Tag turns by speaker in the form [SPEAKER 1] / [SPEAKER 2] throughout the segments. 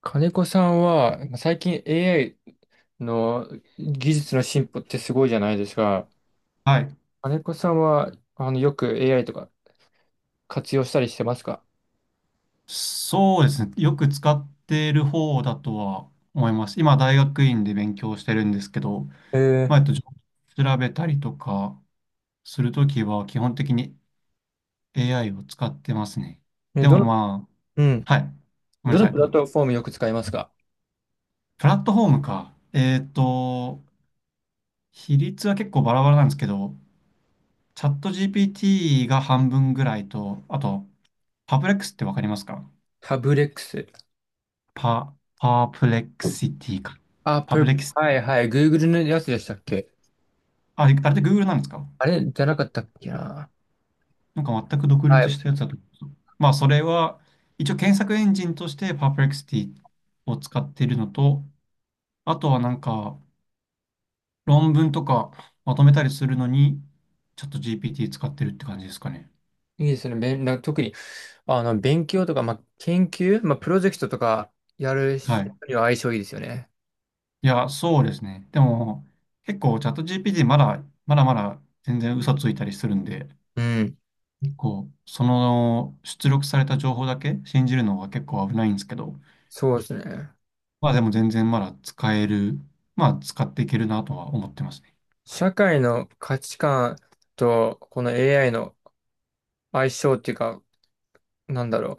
[SPEAKER 1] 金子さんは、最近 AI の技術の進歩ってすごいじゃないですか。
[SPEAKER 2] はい。
[SPEAKER 1] 金子さんは、よく AI とか活用したりしてますか？
[SPEAKER 2] そうですね。よく使っている方だとは思います。今、大学院で勉強してるんですけど、
[SPEAKER 1] え
[SPEAKER 2] まあ、えっと、調べたりとかするときは、基本的に AI を使ってますね。
[SPEAKER 1] え。
[SPEAKER 2] でもま
[SPEAKER 1] うん。
[SPEAKER 2] あ、はい。ごめん
[SPEAKER 1] ど
[SPEAKER 2] な
[SPEAKER 1] の
[SPEAKER 2] さい。
[SPEAKER 1] プ
[SPEAKER 2] ど
[SPEAKER 1] ラ
[SPEAKER 2] う
[SPEAKER 1] ッ
[SPEAKER 2] ぞ。
[SPEAKER 1] トフォームよく使いますか？
[SPEAKER 2] プラットフォームか。比率は結構バラバラなんですけど、チャット GPT が半分ぐらいと、あと、パブレックスってわかりますか？
[SPEAKER 1] タブレックス。
[SPEAKER 2] パープレックシティか。
[SPEAKER 1] あ、
[SPEAKER 2] パブレックス、
[SPEAKER 1] はいはい。Google のやつでしたっけ？
[SPEAKER 2] あれで Google なんですか？
[SPEAKER 1] あれじゃなかったっけな。
[SPEAKER 2] なんか全く独
[SPEAKER 1] は
[SPEAKER 2] 立
[SPEAKER 1] い。
[SPEAKER 2] したやつだと思うんですよ。まあ、それは、一応検索エンジンとして Perplexity を使っているのと、あとはなんか論文とかまとめたりするのに、ちょっと GPT 使ってるって感じですかね。
[SPEAKER 1] いいですね。べんな特に、勉強とか、まあ、研究、まあ、プロジェクトとかやる
[SPEAKER 2] は
[SPEAKER 1] 人
[SPEAKER 2] い。
[SPEAKER 1] には相性いいですよね。
[SPEAKER 2] いや、そうですね。でも、結構チャット GPT まだまだ全然嘘ついたりするんで、
[SPEAKER 1] うん。
[SPEAKER 2] こう、その出力された情報だけ信じるのは結構危ないんですけど、
[SPEAKER 1] そうですね。
[SPEAKER 2] まあでも全然まだ使える、まあ使っていけるなとは思ってますね。
[SPEAKER 1] 社会の価値観とこの AI の相性っていうか、なんだろ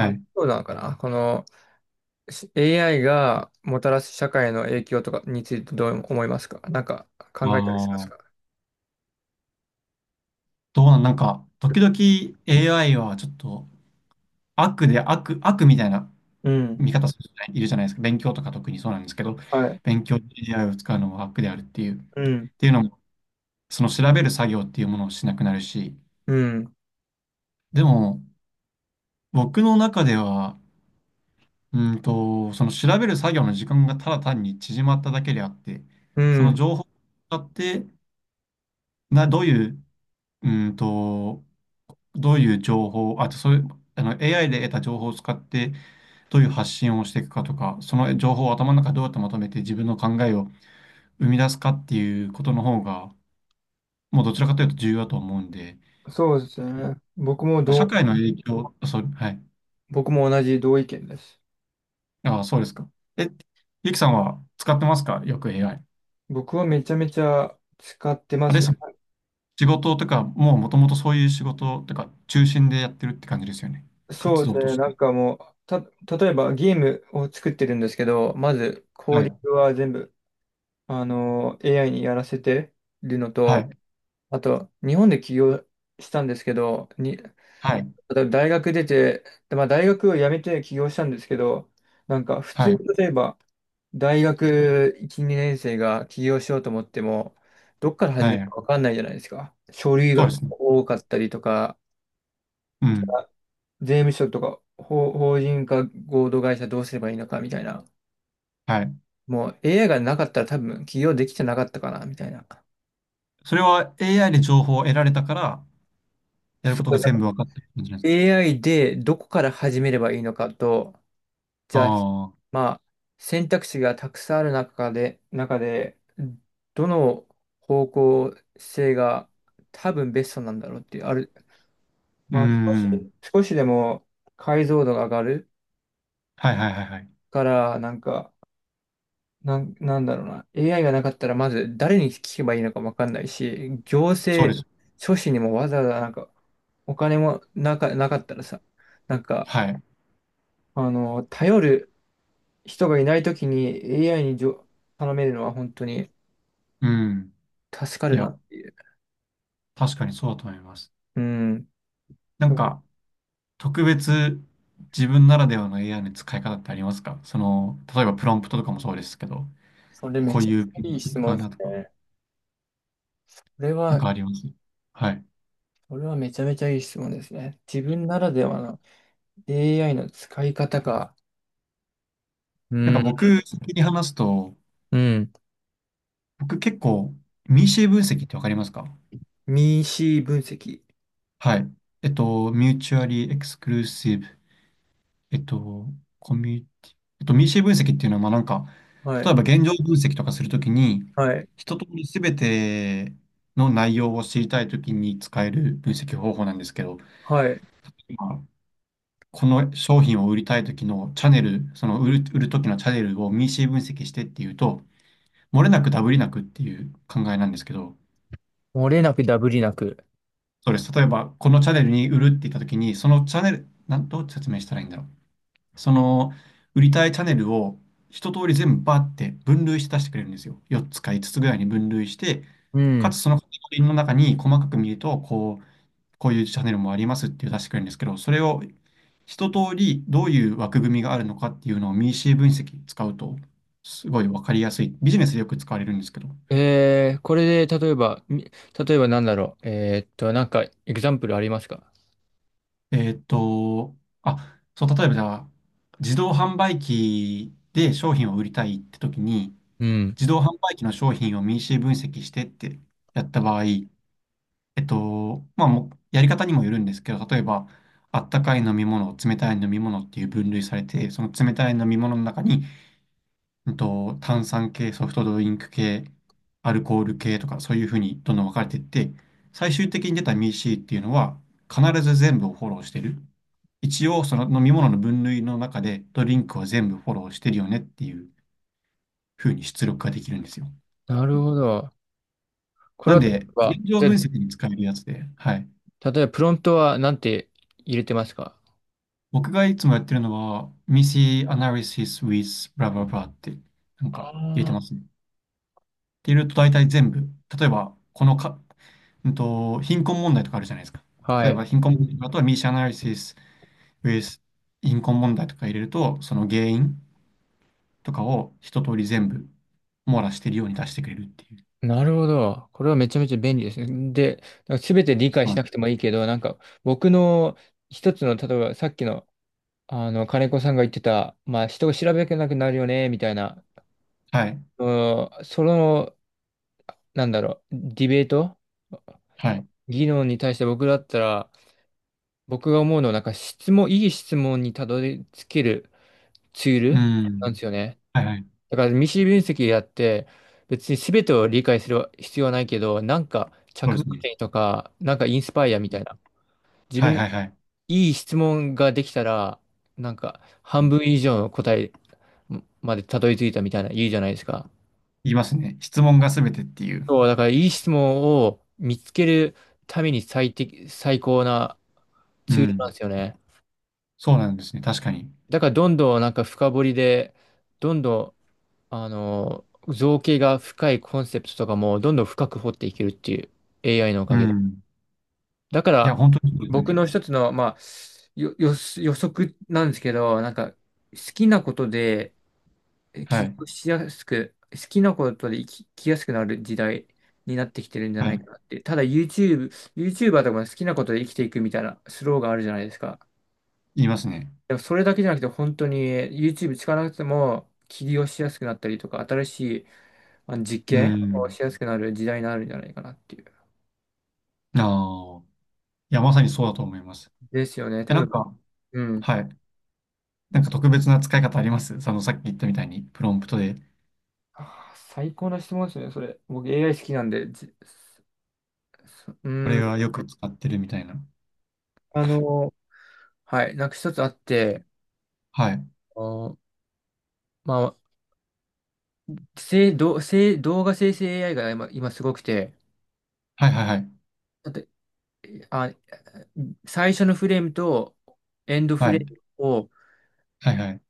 [SPEAKER 1] う。あ、
[SPEAKER 2] い。
[SPEAKER 1] そうなのかな。このAI がもたらす社会の影響とかについてどう思いますか？なんか
[SPEAKER 2] あ
[SPEAKER 1] 考えたりします
[SPEAKER 2] あ、
[SPEAKER 1] か？
[SPEAKER 2] どうなん、なんか、時々 AI はちょっと悪で悪、悪みたいな
[SPEAKER 1] うん。
[SPEAKER 2] 見方する人いるじゃないですか。勉強とか特にそうなんですけど、
[SPEAKER 1] はい。
[SPEAKER 2] 勉強で AI を使うのは悪であるっていう、っ
[SPEAKER 1] うん。
[SPEAKER 2] ていうのも、その調べる作業っていうものをしなくなるし、
[SPEAKER 1] うん。
[SPEAKER 2] でも僕の中では、その調べる作業の時間がただ単に縮まっただけであって、
[SPEAKER 1] う
[SPEAKER 2] その
[SPEAKER 1] ん。
[SPEAKER 2] 情報を使って、な、どういううーんと、どういう情報、あとそういう、あの AI で得た情報を使ってどういう発信をしていくかとか、その情報を頭の中でどうやってまとめて自分の考えを生み出すかっていうことの方が、もうどちらかというと重要だと思うんで、
[SPEAKER 1] そうですね。
[SPEAKER 2] 社会の影響、そう、はい。
[SPEAKER 1] 僕も同じ同意見です。
[SPEAKER 2] ああ、そうですか。え、ゆきさんは使ってますかよく AI。
[SPEAKER 1] 僕はめちゃめちゃ使ってま
[SPEAKER 2] あれで
[SPEAKER 1] す。
[SPEAKER 2] すか？仕事とか、もともとそういう仕事とか、中心でやってるって感じですよね。
[SPEAKER 1] そ
[SPEAKER 2] 活
[SPEAKER 1] うです
[SPEAKER 2] 動と
[SPEAKER 1] ね。
[SPEAKER 2] し
[SPEAKER 1] な
[SPEAKER 2] て。
[SPEAKER 1] んかもう、た、例えばゲームを作ってるんですけど、まずコー
[SPEAKER 2] は
[SPEAKER 1] ディン
[SPEAKER 2] い。
[SPEAKER 1] グは全部AI にやらせてるの
[SPEAKER 2] は
[SPEAKER 1] と、
[SPEAKER 2] い。
[SPEAKER 1] あと、日本で起業したんですけど、
[SPEAKER 2] はい。
[SPEAKER 1] 例えば大学出て、でまあ、大学を辞めて起業したんですけど、なんか普
[SPEAKER 2] は
[SPEAKER 1] 通に
[SPEAKER 2] い。
[SPEAKER 1] 例えば、大学1、2年生が起業しようと思っても、どっから始
[SPEAKER 2] は
[SPEAKER 1] める
[SPEAKER 2] い。
[SPEAKER 1] か分かんないじゃないですか。書類
[SPEAKER 2] そう
[SPEAKER 1] が
[SPEAKER 2] ですね。
[SPEAKER 1] 多かったりとか、
[SPEAKER 2] うん。
[SPEAKER 1] 税務署とか、法人化合同会社どうすればいいのかみたいな。
[SPEAKER 2] はい。
[SPEAKER 1] もう AI がなかったら多分起業できてなかったかな、みたいな。
[SPEAKER 2] それは AI で情報を得られたから、やる
[SPEAKER 1] そ
[SPEAKER 2] ことが
[SPEAKER 1] う、
[SPEAKER 2] 全部分かった感じなんですか？
[SPEAKER 1] AI でどこから始めればいいのかと、じゃあ、
[SPEAKER 2] あ
[SPEAKER 1] まあ、選択肢がたくさんある中で、どの方向性が多分ベストなんだろうっていう、
[SPEAKER 2] あー、うー
[SPEAKER 1] まあ、
[SPEAKER 2] ん。
[SPEAKER 1] 少しでも解像度が上がる
[SPEAKER 2] はいはいはいはい。
[SPEAKER 1] から、なんか、なんだろうな、AI がなかったら、まず誰に聞けばいいのかわかんないし、行
[SPEAKER 2] そうで
[SPEAKER 1] 政
[SPEAKER 2] す。
[SPEAKER 1] 書士にもわざわざなんか、お金もなかったらさ、なんか、
[SPEAKER 2] はい。
[SPEAKER 1] 頼る人がいないときに AI に頼めるのは本当に
[SPEAKER 2] うん。
[SPEAKER 1] 助か
[SPEAKER 2] い
[SPEAKER 1] るな
[SPEAKER 2] や、
[SPEAKER 1] っていう。
[SPEAKER 2] 確かにそうだと思います。
[SPEAKER 1] うん。
[SPEAKER 2] なん
[SPEAKER 1] だから
[SPEAKER 2] か、特別自分ならではの AI の使い方ってありますか？その、例えばプロンプトとかもそうですけど、
[SPEAKER 1] それめ
[SPEAKER 2] こう
[SPEAKER 1] ちゃ
[SPEAKER 2] いう
[SPEAKER 1] め
[SPEAKER 2] ピ
[SPEAKER 1] ちゃいい
[SPEAKER 2] ンク
[SPEAKER 1] 質
[SPEAKER 2] 使
[SPEAKER 1] 問
[SPEAKER 2] う
[SPEAKER 1] です
[SPEAKER 2] なとか、
[SPEAKER 1] ね。これ
[SPEAKER 2] なん
[SPEAKER 1] は、
[SPEAKER 2] かあります？はい。
[SPEAKER 1] これはめちゃめちゃいい質問ですね。自分ならではの AI の使い方か。う
[SPEAKER 2] なんか
[SPEAKER 1] ん。
[SPEAKER 2] 僕、先に話すと、
[SPEAKER 1] うん。
[SPEAKER 2] 僕結構、ミーシェ分析ってわかりますか？
[SPEAKER 1] ミーシー分析。
[SPEAKER 2] はい。ミューチュアリーエクスクルーシブ、えっと、コミュニティ、ミーシー分析っていうのは、まあなんか、
[SPEAKER 1] は
[SPEAKER 2] 例え
[SPEAKER 1] い。
[SPEAKER 2] ば現状分析とかするときに、
[SPEAKER 1] はい。
[SPEAKER 2] 一通りすべての内容を知りたいときに使える分析方法なんですけど、
[SPEAKER 1] はい。
[SPEAKER 2] 今この商品を売りたいときのチャンネル、売るときのチャンネルをミーシー分析してっていうと、漏れなくダブりなくっていう考えなんですけど、
[SPEAKER 1] 漏れなくダブりなく。
[SPEAKER 2] そうです。例えば、このチャンネルに売るって言ったときに、そのチャンネル、どう説明したらいいんだろう。その売りたいチャンネルを一通り全部バーって分類して出してくれるんですよ。4つか5つぐらいに分類して、
[SPEAKER 1] う
[SPEAKER 2] か
[SPEAKER 1] ん。
[SPEAKER 2] つそのカテゴリーの中に細かく見ると、こう、こういうチャンネルもありますっていう出してくれるんですけど、それを一通りどういう枠組みがあるのかっていうのを m シー分析使うと、すごいわかりやすい。ビジネスでよく使われるんですけど。
[SPEAKER 1] これで、例えば、例えばなんだろう。なんか、エグザンプルありますか？
[SPEAKER 2] えーっと、あ、そう、例えばじゃあ、自動販売機で商品を売りたいって時に、
[SPEAKER 1] うん。
[SPEAKER 2] 自動販売機の商品を民主分析してってやった場合、まあ、もうやり方にもよるんですけど、例えば、あったかい飲み物、冷たい飲み物っていう分類されて、その冷たい飲み物の中に、炭酸系、ソフトドリンク系、アルコール系とか、そういうふうにどんどん分かれていって、最終的に出た MEC っていうのは、必ず全部をフォローしてる。一応、その飲み物の分類の中で、ドリンクは全部フォローしてるよねっていうふうに出力ができるんですよ。
[SPEAKER 1] なるほど。これ
[SPEAKER 2] なん
[SPEAKER 1] は、例え
[SPEAKER 2] で、
[SPEAKER 1] ば、
[SPEAKER 2] 現状
[SPEAKER 1] じゃ
[SPEAKER 2] 分析
[SPEAKER 1] あ、
[SPEAKER 2] に使えるやつで、はい。
[SPEAKER 1] 例えばプロントはなんて入れてますか？
[SPEAKER 2] 僕がいつもやってるのは、ミシ s i Analysis with blah blah blah って、なんか入れてま
[SPEAKER 1] あ
[SPEAKER 2] すね。って入れると大体全部、例えば、このか、貧困問題とかあるじゃないですか。
[SPEAKER 1] あ、は
[SPEAKER 2] 例え
[SPEAKER 1] い。
[SPEAKER 2] ば、貧困問題、あとはミ i s i Analysis with 貧困問題とか入れると、その原因とかを一通り全部網羅してるように出してくれるっていう。
[SPEAKER 1] なるほど。これはめちゃめちゃ便利ですね。で、なんか全て理
[SPEAKER 2] そ
[SPEAKER 1] 解
[SPEAKER 2] う
[SPEAKER 1] し
[SPEAKER 2] な
[SPEAKER 1] な
[SPEAKER 2] ん
[SPEAKER 1] くてもいいけど、なんか僕の一つの、例えばさっきの、金子さんが言ってた、まあ人を調べなくなるよね、みたいな、
[SPEAKER 2] はい。
[SPEAKER 1] うんその、なんだろう、ディベート
[SPEAKER 2] はい。
[SPEAKER 1] 議論に対して僕だったら、僕が思うのは、なんかいい質問にたどり着けるツール
[SPEAKER 2] う
[SPEAKER 1] なん
[SPEAKER 2] ん。
[SPEAKER 1] ですよね。
[SPEAKER 2] はいはい。
[SPEAKER 1] だから未知分析やって別に全てを理解する必要はないけどなんか
[SPEAKER 2] そう
[SPEAKER 1] 着
[SPEAKER 2] です
[SPEAKER 1] 目
[SPEAKER 2] ね。
[SPEAKER 1] 点とかなんかインスパイアみたいな自
[SPEAKER 2] は
[SPEAKER 1] 分
[SPEAKER 2] い
[SPEAKER 1] の
[SPEAKER 2] はいはい。
[SPEAKER 1] いい質問ができたらなんか半分以上の答えまでたどり着いたみたいな言うじゃないですか。
[SPEAKER 2] 言いますね。質問がすべてっていう。
[SPEAKER 1] そうだからいい質問を見つけるために最適、最高な
[SPEAKER 2] う
[SPEAKER 1] ツールなん
[SPEAKER 2] ん。
[SPEAKER 1] ですよね。
[SPEAKER 2] そうなんですね。確かに。
[SPEAKER 1] だからどんどんなんか深掘りでどんどん造形が深いコンセプトとかもどんどん深く掘っていけるっていう AI のお
[SPEAKER 2] う
[SPEAKER 1] かげで。
[SPEAKER 2] ん。
[SPEAKER 1] だか
[SPEAKER 2] いや、
[SPEAKER 1] ら、
[SPEAKER 2] 本当にそうですよ
[SPEAKER 1] 僕
[SPEAKER 2] ね。
[SPEAKER 1] の一つの、まあ、予測なんですけど、なんか、好きなことで
[SPEAKER 2] は
[SPEAKER 1] 起
[SPEAKER 2] い。
[SPEAKER 1] 業しやすく、好きなことで生きやすくなる時代になってきてるんじゃ
[SPEAKER 2] は
[SPEAKER 1] ない
[SPEAKER 2] い。
[SPEAKER 1] かなって。ただ YouTube、YouTuber とかも好きなことで生きていくみたいなスローがあるじゃないですか。
[SPEAKER 2] 言いますね。
[SPEAKER 1] でもそれだけじゃなくて、本当に YouTube 使わなくても起業しやすくなったりとか、新しい実
[SPEAKER 2] う
[SPEAKER 1] 験を
[SPEAKER 2] ん。
[SPEAKER 1] しやすくなる時代になるんじゃないかなっていう。
[SPEAKER 2] ああ。いや、まさにそうだと思います。
[SPEAKER 1] ですよね。
[SPEAKER 2] え、
[SPEAKER 1] 多
[SPEAKER 2] なん
[SPEAKER 1] 分、
[SPEAKER 2] か、
[SPEAKER 1] うん。
[SPEAKER 2] はい。なんか特別な使い方あります？その、さっき言ったみたいに、プロンプトで、
[SPEAKER 1] 最高な質問ですね、それ。僕 AI 好きなんで、じそそう
[SPEAKER 2] こ
[SPEAKER 1] ー
[SPEAKER 2] れは
[SPEAKER 1] ん、
[SPEAKER 2] よく使ってるみたいな。
[SPEAKER 1] あの、はい、なんか一つあって、
[SPEAKER 2] はい。
[SPEAKER 1] あのまあ、せい、ど、せい、動画生成 AI が今、すごくて、
[SPEAKER 2] はいはいはい。
[SPEAKER 1] だって、あ、最初のフレームとエンド
[SPEAKER 2] は
[SPEAKER 1] フ
[SPEAKER 2] い。
[SPEAKER 1] レームを
[SPEAKER 2] はいはい。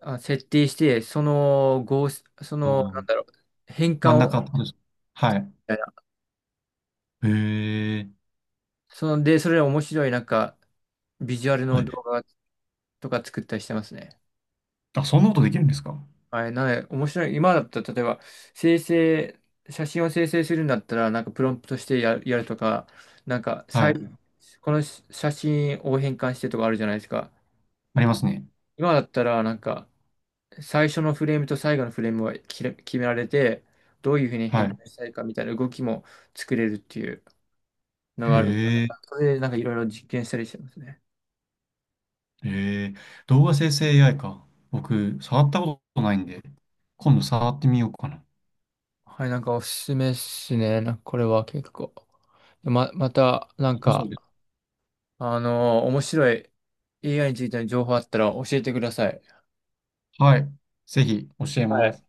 [SPEAKER 1] 設定して、その合、その、
[SPEAKER 2] お
[SPEAKER 1] な
[SPEAKER 2] ー、
[SPEAKER 1] んだろう、変
[SPEAKER 2] 真
[SPEAKER 1] 換
[SPEAKER 2] ん中っ
[SPEAKER 1] を、
[SPEAKER 2] てことです。はい。
[SPEAKER 1] みたいな
[SPEAKER 2] へえ。
[SPEAKER 1] その、で、それで面白い、なんか、ビジュアルの
[SPEAKER 2] あ、
[SPEAKER 1] 動画とか作ったりしてますね。
[SPEAKER 2] あ、そんなことできるんですか？
[SPEAKER 1] はい、なので、面白い。今だったら、例えば、生成、写真を生成するんだったら、なんかプロンプトしてやるとか、なんか、
[SPEAKER 2] はい。
[SPEAKER 1] この写真を変換してとかあるじゃないですか。
[SPEAKER 2] ありますね。
[SPEAKER 1] 今だったら、なんか、最初のフレームと最後のフレームは決められて、どういうふうに
[SPEAKER 2] は
[SPEAKER 1] 変
[SPEAKER 2] い。
[SPEAKER 1] 換したいかみたいな動きも作れるっていうの
[SPEAKER 2] へ
[SPEAKER 1] があるんで。
[SPEAKER 2] え。
[SPEAKER 1] それで、なんかいろいろ実験したりしてますね。
[SPEAKER 2] ええ、動画生成 AI か。僕、触ったことないんで、今度触ってみようかな。
[SPEAKER 1] はい、なんかおすすめっすね。なんかこれは結構。また、なん
[SPEAKER 2] そう
[SPEAKER 1] か、
[SPEAKER 2] です。
[SPEAKER 1] 面白い AI についての情報あったら教えてください。
[SPEAKER 2] はい。ぜひ、教えます。